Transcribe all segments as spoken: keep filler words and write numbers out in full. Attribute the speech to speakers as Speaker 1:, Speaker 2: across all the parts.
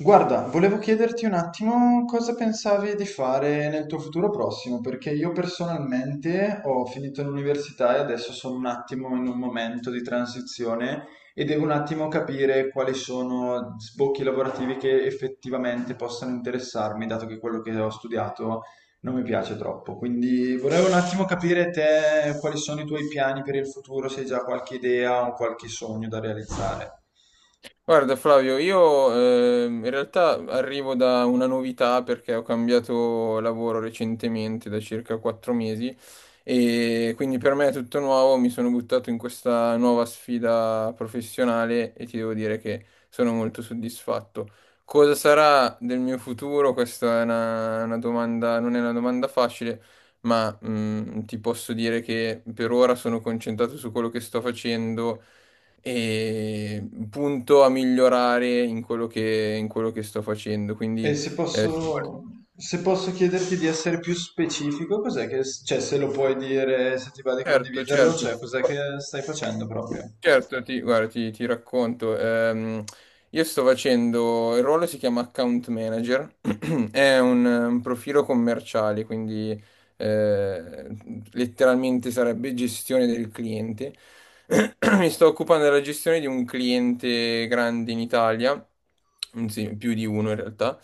Speaker 1: Guarda, volevo chiederti un attimo cosa pensavi di fare nel tuo futuro prossimo, perché io personalmente ho finito l'università e adesso sono un attimo in un momento di transizione e devo un attimo capire quali sono sbocchi lavorativi che effettivamente possano interessarmi, dato che quello che ho studiato non mi piace troppo. Quindi volevo un attimo capire te quali sono i tuoi piani per il futuro, se hai già qualche idea o qualche sogno da realizzare.
Speaker 2: Guarda Flavio, io ehm, in realtà arrivo da una novità perché ho cambiato lavoro recentemente da circa quattro mesi e quindi per me è tutto nuovo, mi sono buttato in questa nuova sfida professionale e ti devo dire che sono molto soddisfatto. Cosa sarà del mio futuro? Questa è una, una domanda, non è una domanda facile, ma mm, ti posso dire che per ora sono concentrato su quello che sto facendo e punto a migliorare in quello che, in quello che sto facendo. Quindi,
Speaker 1: E se
Speaker 2: eh,
Speaker 1: posso,
Speaker 2: sicur-
Speaker 1: se posso chiederti di essere più specifico, cos'è che, cioè se lo puoi dire, se ti va di
Speaker 2: certo,
Speaker 1: condividerlo,
Speaker 2: certo.
Speaker 1: cioè cos'è che stai facendo proprio?
Speaker 2: Certo, ti, guarda, ti, ti racconto. Ehm, io sto facendo, il ruolo si chiama Account Manager, è un, un profilo commerciale, quindi eh, letteralmente sarebbe gestione del cliente. Mi sto occupando della gestione di un cliente grande in Italia, anzi più di uno in realtà,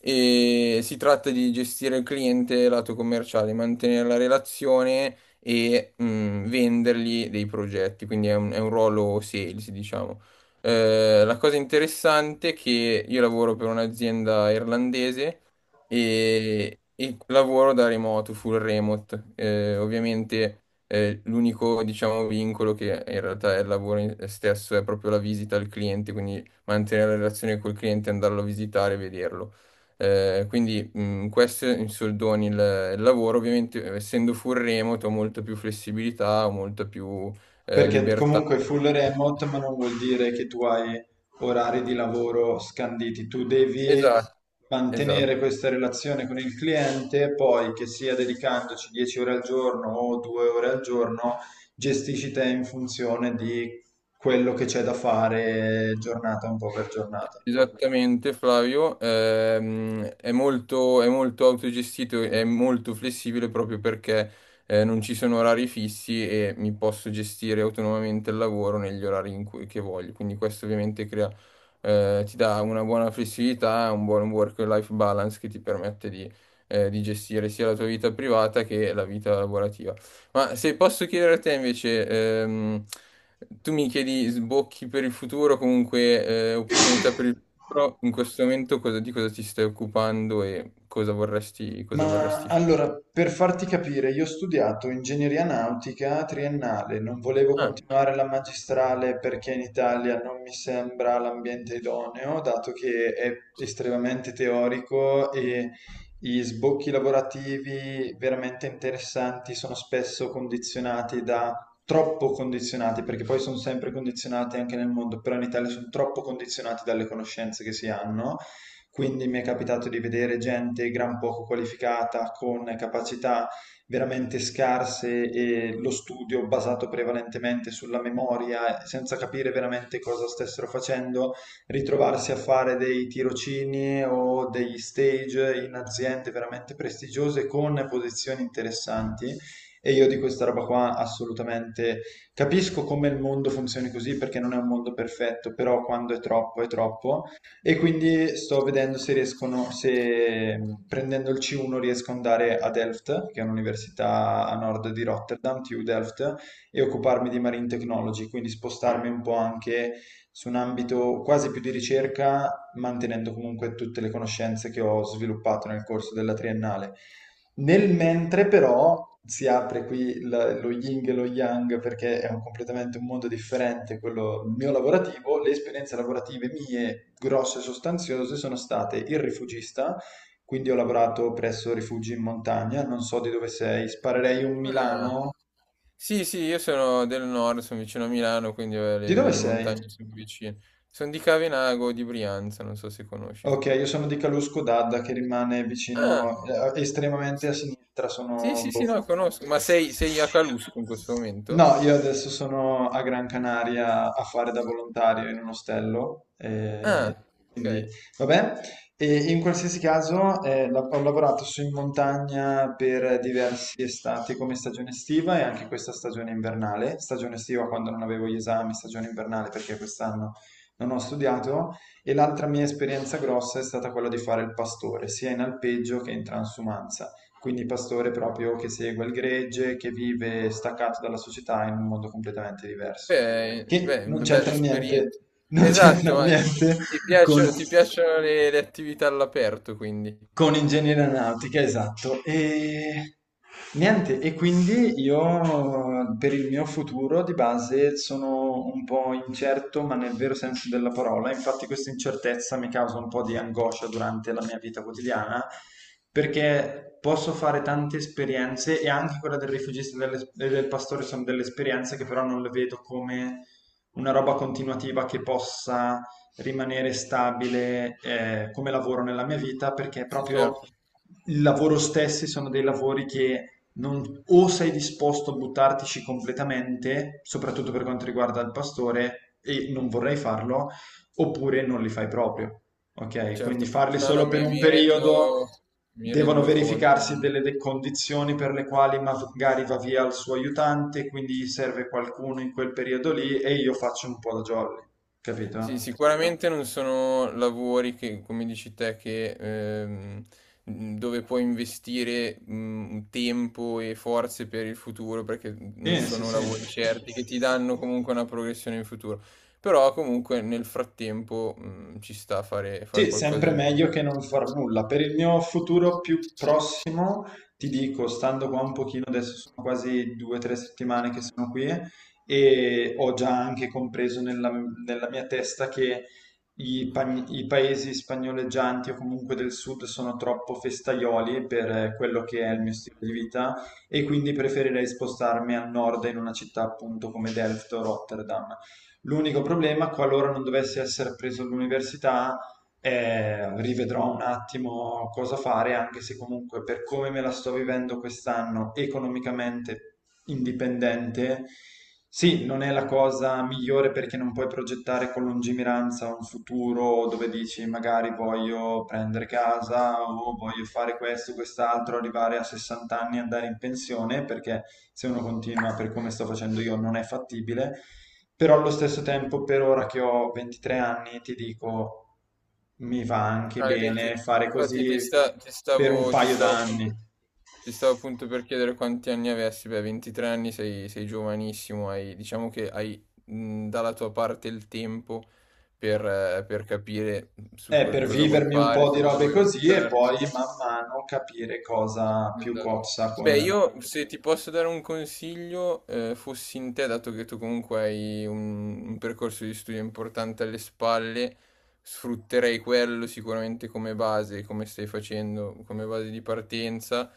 Speaker 2: e si tratta di gestire il cliente lato commerciale, mantenere la relazione e mh, vendergli dei progetti, quindi è un, è un ruolo sales, diciamo. Eh, la cosa interessante è che io lavoro per un'azienda irlandese e, e lavoro da remoto, full remote. Eh, ovviamente eh, l'unico, diciamo, vincolo che in realtà è il lavoro in- stesso è proprio la visita al cliente, quindi mantenere la relazione col cliente, andarlo a visitare e vederlo. Eh, quindi mh, questo in soldoni il, il lavoro, ovviamente essendo full remote ho molta più flessibilità, ho molta più eh,
Speaker 1: Perché
Speaker 2: libertà.
Speaker 1: comunque full remote, ma non vuol dire che tu hai orari di lavoro scanditi, tu devi
Speaker 2: Esatto,
Speaker 1: mantenere
Speaker 2: esatto.
Speaker 1: questa relazione con il cliente, poi che sia dedicandoci dieci ore al giorno o due ore al giorno, gestisci te in funzione di quello che c'è da fare giornata un po' per giornata.
Speaker 2: Esattamente, Flavio. Ehm, è molto, è molto autogestito, è molto flessibile proprio perché eh, non ci sono orari fissi e mi posso gestire autonomamente il lavoro negli orari in cui, che voglio. Quindi questo ovviamente crea, eh, ti dà una buona flessibilità, un buon work-life balance che ti permette di, eh, di gestire sia la tua vita privata che la vita lavorativa. Ma se posso chiedere a te invece, ehm, tu mi chiedi sbocchi per il futuro, comunque eh, opportunità per il futuro. In questo momento cosa- di cosa ti stai occupando e cosa vorresti, cosa
Speaker 1: Ma
Speaker 2: vorresti fare?
Speaker 1: allora, per farti capire, io ho studiato ingegneria nautica triennale, non volevo
Speaker 2: Ah.
Speaker 1: continuare la magistrale perché in Italia non mi sembra l'ambiente idoneo, dato che è estremamente teorico e gli sbocchi lavorativi veramente interessanti sono spesso condizionati da... troppo condizionati, perché poi sono sempre condizionati anche nel mondo, però in Italia sono troppo condizionati dalle conoscenze che si hanno, quindi mi è capitato di vedere gente gran poco qualificata, con capacità veramente scarse e lo studio basato prevalentemente sulla memoria, senza capire veramente cosa stessero facendo, ritrovarsi a fare dei tirocini o degli stage in aziende veramente prestigiose con posizioni interessanti. E io di questa roba qua assolutamente capisco come il mondo funzioni così perché non è un mondo perfetto, però quando è troppo è troppo. E quindi sto vedendo se riescono, se mh, prendendo il C uno riesco ad andare a Delft, che è un'università a nord di Rotterdam, T U Delft, e occuparmi di Marine Technology, quindi spostarmi un po' anche su un ambito quasi più di ricerca, mantenendo comunque tutte le conoscenze che ho sviluppato nel corso della triennale. Nel mentre però si apre qui la- lo yin e lo yang perché è un- completamente un mondo differente quello mio lavorativo. Le esperienze lavorative mie grosse e sostanziose sono state il rifugista, quindi ho lavorato presso rifugi in montagna, non so di dove sei, sparerei un
Speaker 2: Ah.
Speaker 1: Milano.
Speaker 2: Sì, sì, io sono del nord, sono vicino a Milano, quindi eh,
Speaker 1: Di
Speaker 2: le,
Speaker 1: dove
Speaker 2: le
Speaker 1: sei?
Speaker 2: montagne sono vicine. Sono di Cavenago, di Brianza, non so se conosci.
Speaker 1: Ok, io sono di Calù Scodadda che rimane
Speaker 2: Ah.
Speaker 1: vicino, eh, estremamente a sinistra,
Speaker 2: Sì,
Speaker 1: sono
Speaker 2: sì, sì,
Speaker 1: boh.
Speaker 2: no, conosco. Ma sei, sei a Calusco in questo momento?
Speaker 1: No, io adesso sono a Gran Canaria a fare da volontario in un ostello, eh,
Speaker 2: Ah,
Speaker 1: quindi
Speaker 2: ok.
Speaker 1: vabbè. E in qualsiasi caso eh, la- ho lavorato su in montagna per diversi estati come stagione estiva e anche questa stagione invernale, stagione estiva quando non avevo gli esami, stagione invernale perché quest'anno non ho studiato, e l'altra mia esperienza grossa è stata quella di fare il pastore, sia in alpeggio che in transumanza, quindi pastore proprio che segue il gregge, che vive staccato dalla società in un mondo completamente diverso,
Speaker 2: Beh,
Speaker 1: che
Speaker 2: beh,
Speaker 1: non
Speaker 2: una bella
Speaker 1: c'entra
Speaker 2: esperienza.
Speaker 1: niente, non c'entra
Speaker 2: Esatto, ma
Speaker 1: niente
Speaker 2: ti
Speaker 1: con
Speaker 2: piace- ti piacciono le, le attività all'aperto, quindi.
Speaker 1: con ingegneria aeronautica, esatto. E niente, e quindi io per il mio futuro di base sono un po' incerto, ma nel vero senso della parola. Infatti questa incertezza mi causa un po' di angoscia durante la mia vita quotidiana, perché posso fare tante esperienze e anche quella del rifugista e delle- e del pastore sono delle esperienze che però non le vedo come una roba continuativa che possa rimanere stabile, eh, come lavoro nella mia vita, perché
Speaker 2: Sì,
Speaker 1: proprio
Speaker 2: certo,
Speaker 1: il lavoro stessi sono dei lavori che non, o sei disposto a buttartici completamente, soprattutto per quanto riguarda il pastore, e non vorrei farlo, oppure non li fai proprio. Ok, quindi
Speaker 2: certo.
Speaker 1: farli
Speaker 2: No, no,
Speaker 1: solo per
Speaker 2: mi,
Speaker 1: un
Speaker 2: mi
Speaker 1: periodo,
Speaker 2: rendo, mi
Speaker 1: devono
Speaker 2: rendo conto. mi
Speaker 1: verificarsi
Speaker 2: rendo-
Speaker 1: delle de- condizioni per le quali magari va via il suo aiutante, quindi gli serve qualcuno in quel periodo lì e io faccio un po' da jolly,
Speaker 2: Sì,
Speaker 1: capito?
Speaker 2: sicuramente non sono lavori che, come dici te, che, ehm, mh, dove puoi investire mh, tempo e forze per il futuro, perché
Speaker 1: Sì,
Speaker 2: non
Speaker 1: sì,
Speaker 2: sono
Speaker 1: sì.
Speaker 2: lavori certi che ti danno comunque una progressione in futuro. Però comunque nel frattempo mh, ci sta a fare, fare
Speaker 1: Sì,
Speaker 2: qualcosa
Speaker 1: sempre
Speaker 2: del
Speaker 1: meglio
Speaker 2: genere.
Speaker 1: che non far nulla. Per il mio futuro più prossimo, ti dico, stando qua un pochino, adesso sono quasi due o tre settimane che sono qui e ho già anche compreso nella, nella mia testa che i, pa- i paesi spagnoleggianti o comunque del sud sono troppo festaioli per eh, quello che è il mio stile di vita, e quindi preferirei spostarmi a nord in una città appunto come Delft o Rotterdam. L'unico problema, qualora non dovessi essere preso all'università, eh, rivedrò un attimo cosa fare, anche se comunque per come me la sto vivendo quest'anno economicamente indipendente, sì, non è la cosa migliore perché non puoi progettare con lungimiranza un futuro dove dici magari voglio prendere casa o voglio fare questo, quest'altro, arrivare a sessanta anni e andare in pensione, perché se uno continua per come sto facendo io non è fattibile. Però allo stesso tempo, per ora che ho ventitré anni, ti dico, mi va anche
Speaker 2: Ah, i venti
Speaker 1: bene fare
Speaker 2: infatti
Speaker 1: così
Speaker 2: ti, sta- ti
Speaker 1: per un
Speaker 2: stavo, ti
Speaker 1: paio
Speaker 2: stavo appunto,
Speaker 1: d'anni.
Speaker 2: ti stavo appunto per chiedere quanti anni avessi, beh, ventitré anni sei, sei giovanissimo, hai, diciamo che hai mh, dalla tua parte il tempo per, eh, per capire su
Speaker 1: Eh,
Speaker 2: co-
Speaker 1: per
Speaker 2: cosa vuoi
Speaker 1: vivermi un
Speaker 2: fare,
Speaker 1: po'
Speaker 2: su
Speaker 1: di
Speaker 2: cosa
Speaker 1: robe
Speaker 2: vuoi
Speaker 1: così e
Speaker 2: buttarti.
Speaker 1: poi man mano capire cosa più
Speaker 2: Esatto.
Speaker 1: cozza con...
Speaker 2: Beh, io se ti posso dare un consiglio, eh, fossi in te, dato che tu comunque hai un, un percorso di studio importante alle spalle, sfrutterei quello sicuramente come base, come stai facendo, come base di partenza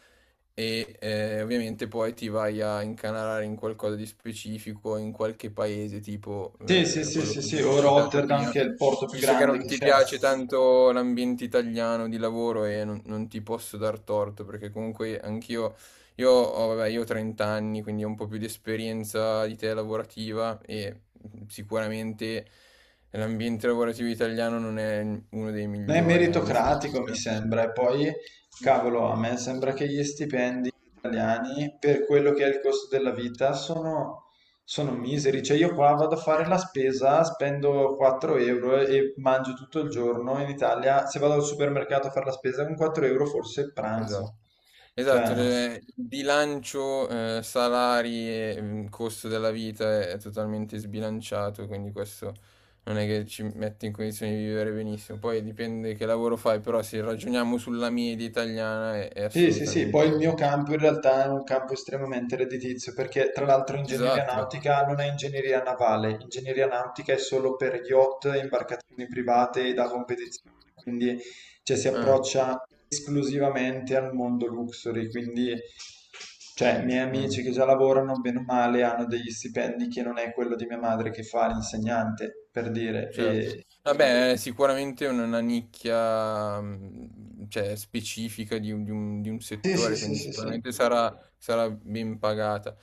Speaker 2: e eh, ovviamente poi ti vai a incanalare in qualcosa di specifico, in qualche paese, tipo
Speaker 1: Sì, sì,
Speaker 2: eh,
Speaker 1: sì,
Speaker 2: quello
Speaker 1: sì,
Speaker 2: che
Speaker 1: sì,
Speaker 2: abbiamo
Speaker 1: o
Speaker 2: citato
Speaker 1: Rotterdam
Speaker 2: prima.
Speaker 1: che è il porto più
Speaker 2: Visto che
Speaker 1: grande
Speaker 2: non
Speaker 1: che
Speaker 2: ti
Speaker 1: c'è.
Speaker 2: piace tanto l'ambiente italiano di lavoro e non, non ti posso dar torto, perché comunque anch'io, io ho, vabbè, io ho trenta anni, quindi ho un po' più di esperienza di te lavorativa e sicuramente l'ambiente lavorativo italiano non è uno dei
Speaker 1: Non è
Speaker 2: migliori, anzi.
Speaker 1: meritocratico, mi
Speaker 2: per-
Speaker 1: sembra. E poi, cavolo, a me sembra che gli stipendi italiani, per quello che è il costo della vita, sono, sono miseri. Cioè, io qua vado a fare la spesa, spendo quattro euro e e mangio tutto il giorno. In Italia, se vado al supermercato a fare la spesa, con quattro euro forse
Speaker 2: Esatto.
Speaker 1: pranzo.
Speaker 2: Esatto,
Speaker 1: Cioè,
Speaker 2: le- il bilancio, eh, salari e mm, costo della vita è, è totalmente sbilanciato, quindi questo non è che ci mette in condizione di vivere benissimo. Poi dipende che lavoro fai, però se ragioniamo sulla media italiana è, è
Speaker 1: sì, sì, sì,
Speaker 2: assolutamente...
Speaker 1: poi il mio campo in realtà è un campo estremamente redditizio perché tra l'altro ingegneria
Speaker 2: Esatto. Beh,
Speaker 1: nautica non è ingegneria navale, ingegneria nautica è solo per yacht, imbarcazioni private e da competizione, quindi, cioè, si
Speaker 2: eh,
Speaker 1: approccia esclusivamente al mondo luxury, quindi, cioè, i miei
Speaker 2: mm.
Speaker 1: amici che già lavorano bene o male hanno degli stipendi che non è quello di mia madre che fa l'insegnante, per dire.
Speaker 2: Certo.
Speaker 1: E...
Speaker 2: Vabbè, è sicuramente un- una nicchia, mh, cioè, specifica di un, di un- di un
Speaker 1: sì, sì,
Speaker 2: settore,
Speaker 1: sì,
Speaker 2: quindi
Speaker 1: sì, sì.
Speaker 2: sicuramente sarà, sarà ben pagata.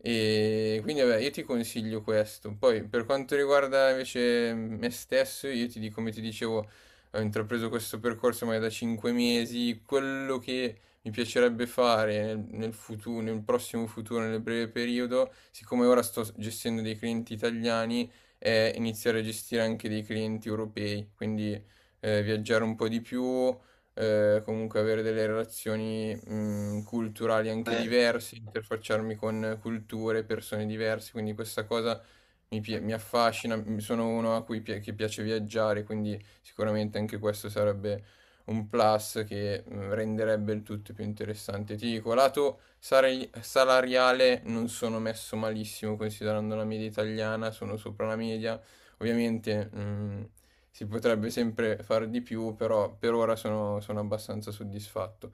Speaker 2: E quindi, vabbè, io ti consiglio questo. Poi, per quanto riguarda invece me stesso, io ti dico, come ti dicevo, ho intrapreso questo percorso ormai da cinque mesi. Quello che mi piacerebbe fare nel, nel futuro, nel prossimo futuro, nel breve periodo, siccome ora sto gestendo dei clienti italiani, è iniziare a gestire anche dei clienti europei, quindi eh, viaggiare un po' di più, eh, comunque avere delle relazioni mh, culturali anche
Speaker 1: Eh,
Speaker 2: diverse, interfacciarmi con culture, persone diverse, quindi questa cosa mi, pi- mi affascina, mi- sono uno a cui pi- che piace viaggiare, quindi sicuramente anche questo sarebbe un plus che mh, renderebbe il tutto più interessante. Ti dico, lato sare- salariale non sono messo malissimo considerando la media italiana, sono sopra la media. Ovviamente mh, si potrebbe sempre fare di più, però per ora sono, sono abbastanza soddisfatto.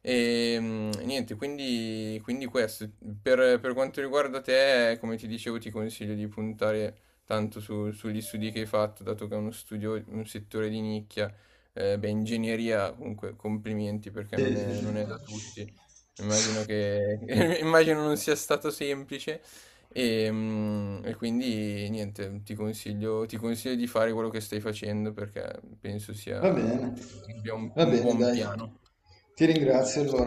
Speaker 2: E mm, niente, quindi, quindi questo. Per, per quanto riguarda te, come ti dicevo, ti consiglio di puntare tanto su- sugli studi che hai fatto, dato che è uno studio, un settore di nicchia. Eh, beh, ingegneria, comunque, complimenti perché
Speaker 1: sì,
Speaker 2: non
Speaker 1: sì,
Speaker 2: è,
Speaker 1: sì.
Speaker 2: non è da tutti. Immagino che, immagino non sia stato semplice. E, mm, e quindi niente, ti consiglio, ti consiglio di fare quello che stai facendo perché penso sia,
Speaker 1: Va bene,
Speaker 2: cioè, abbia un
Speaker 1: va
Speaker 2: un
Speaker 1: bene,
Speaker 2: buon
Speaker 1: dai.
Speaker 2: piano.
Speaker 1: Ti ringrazio allora.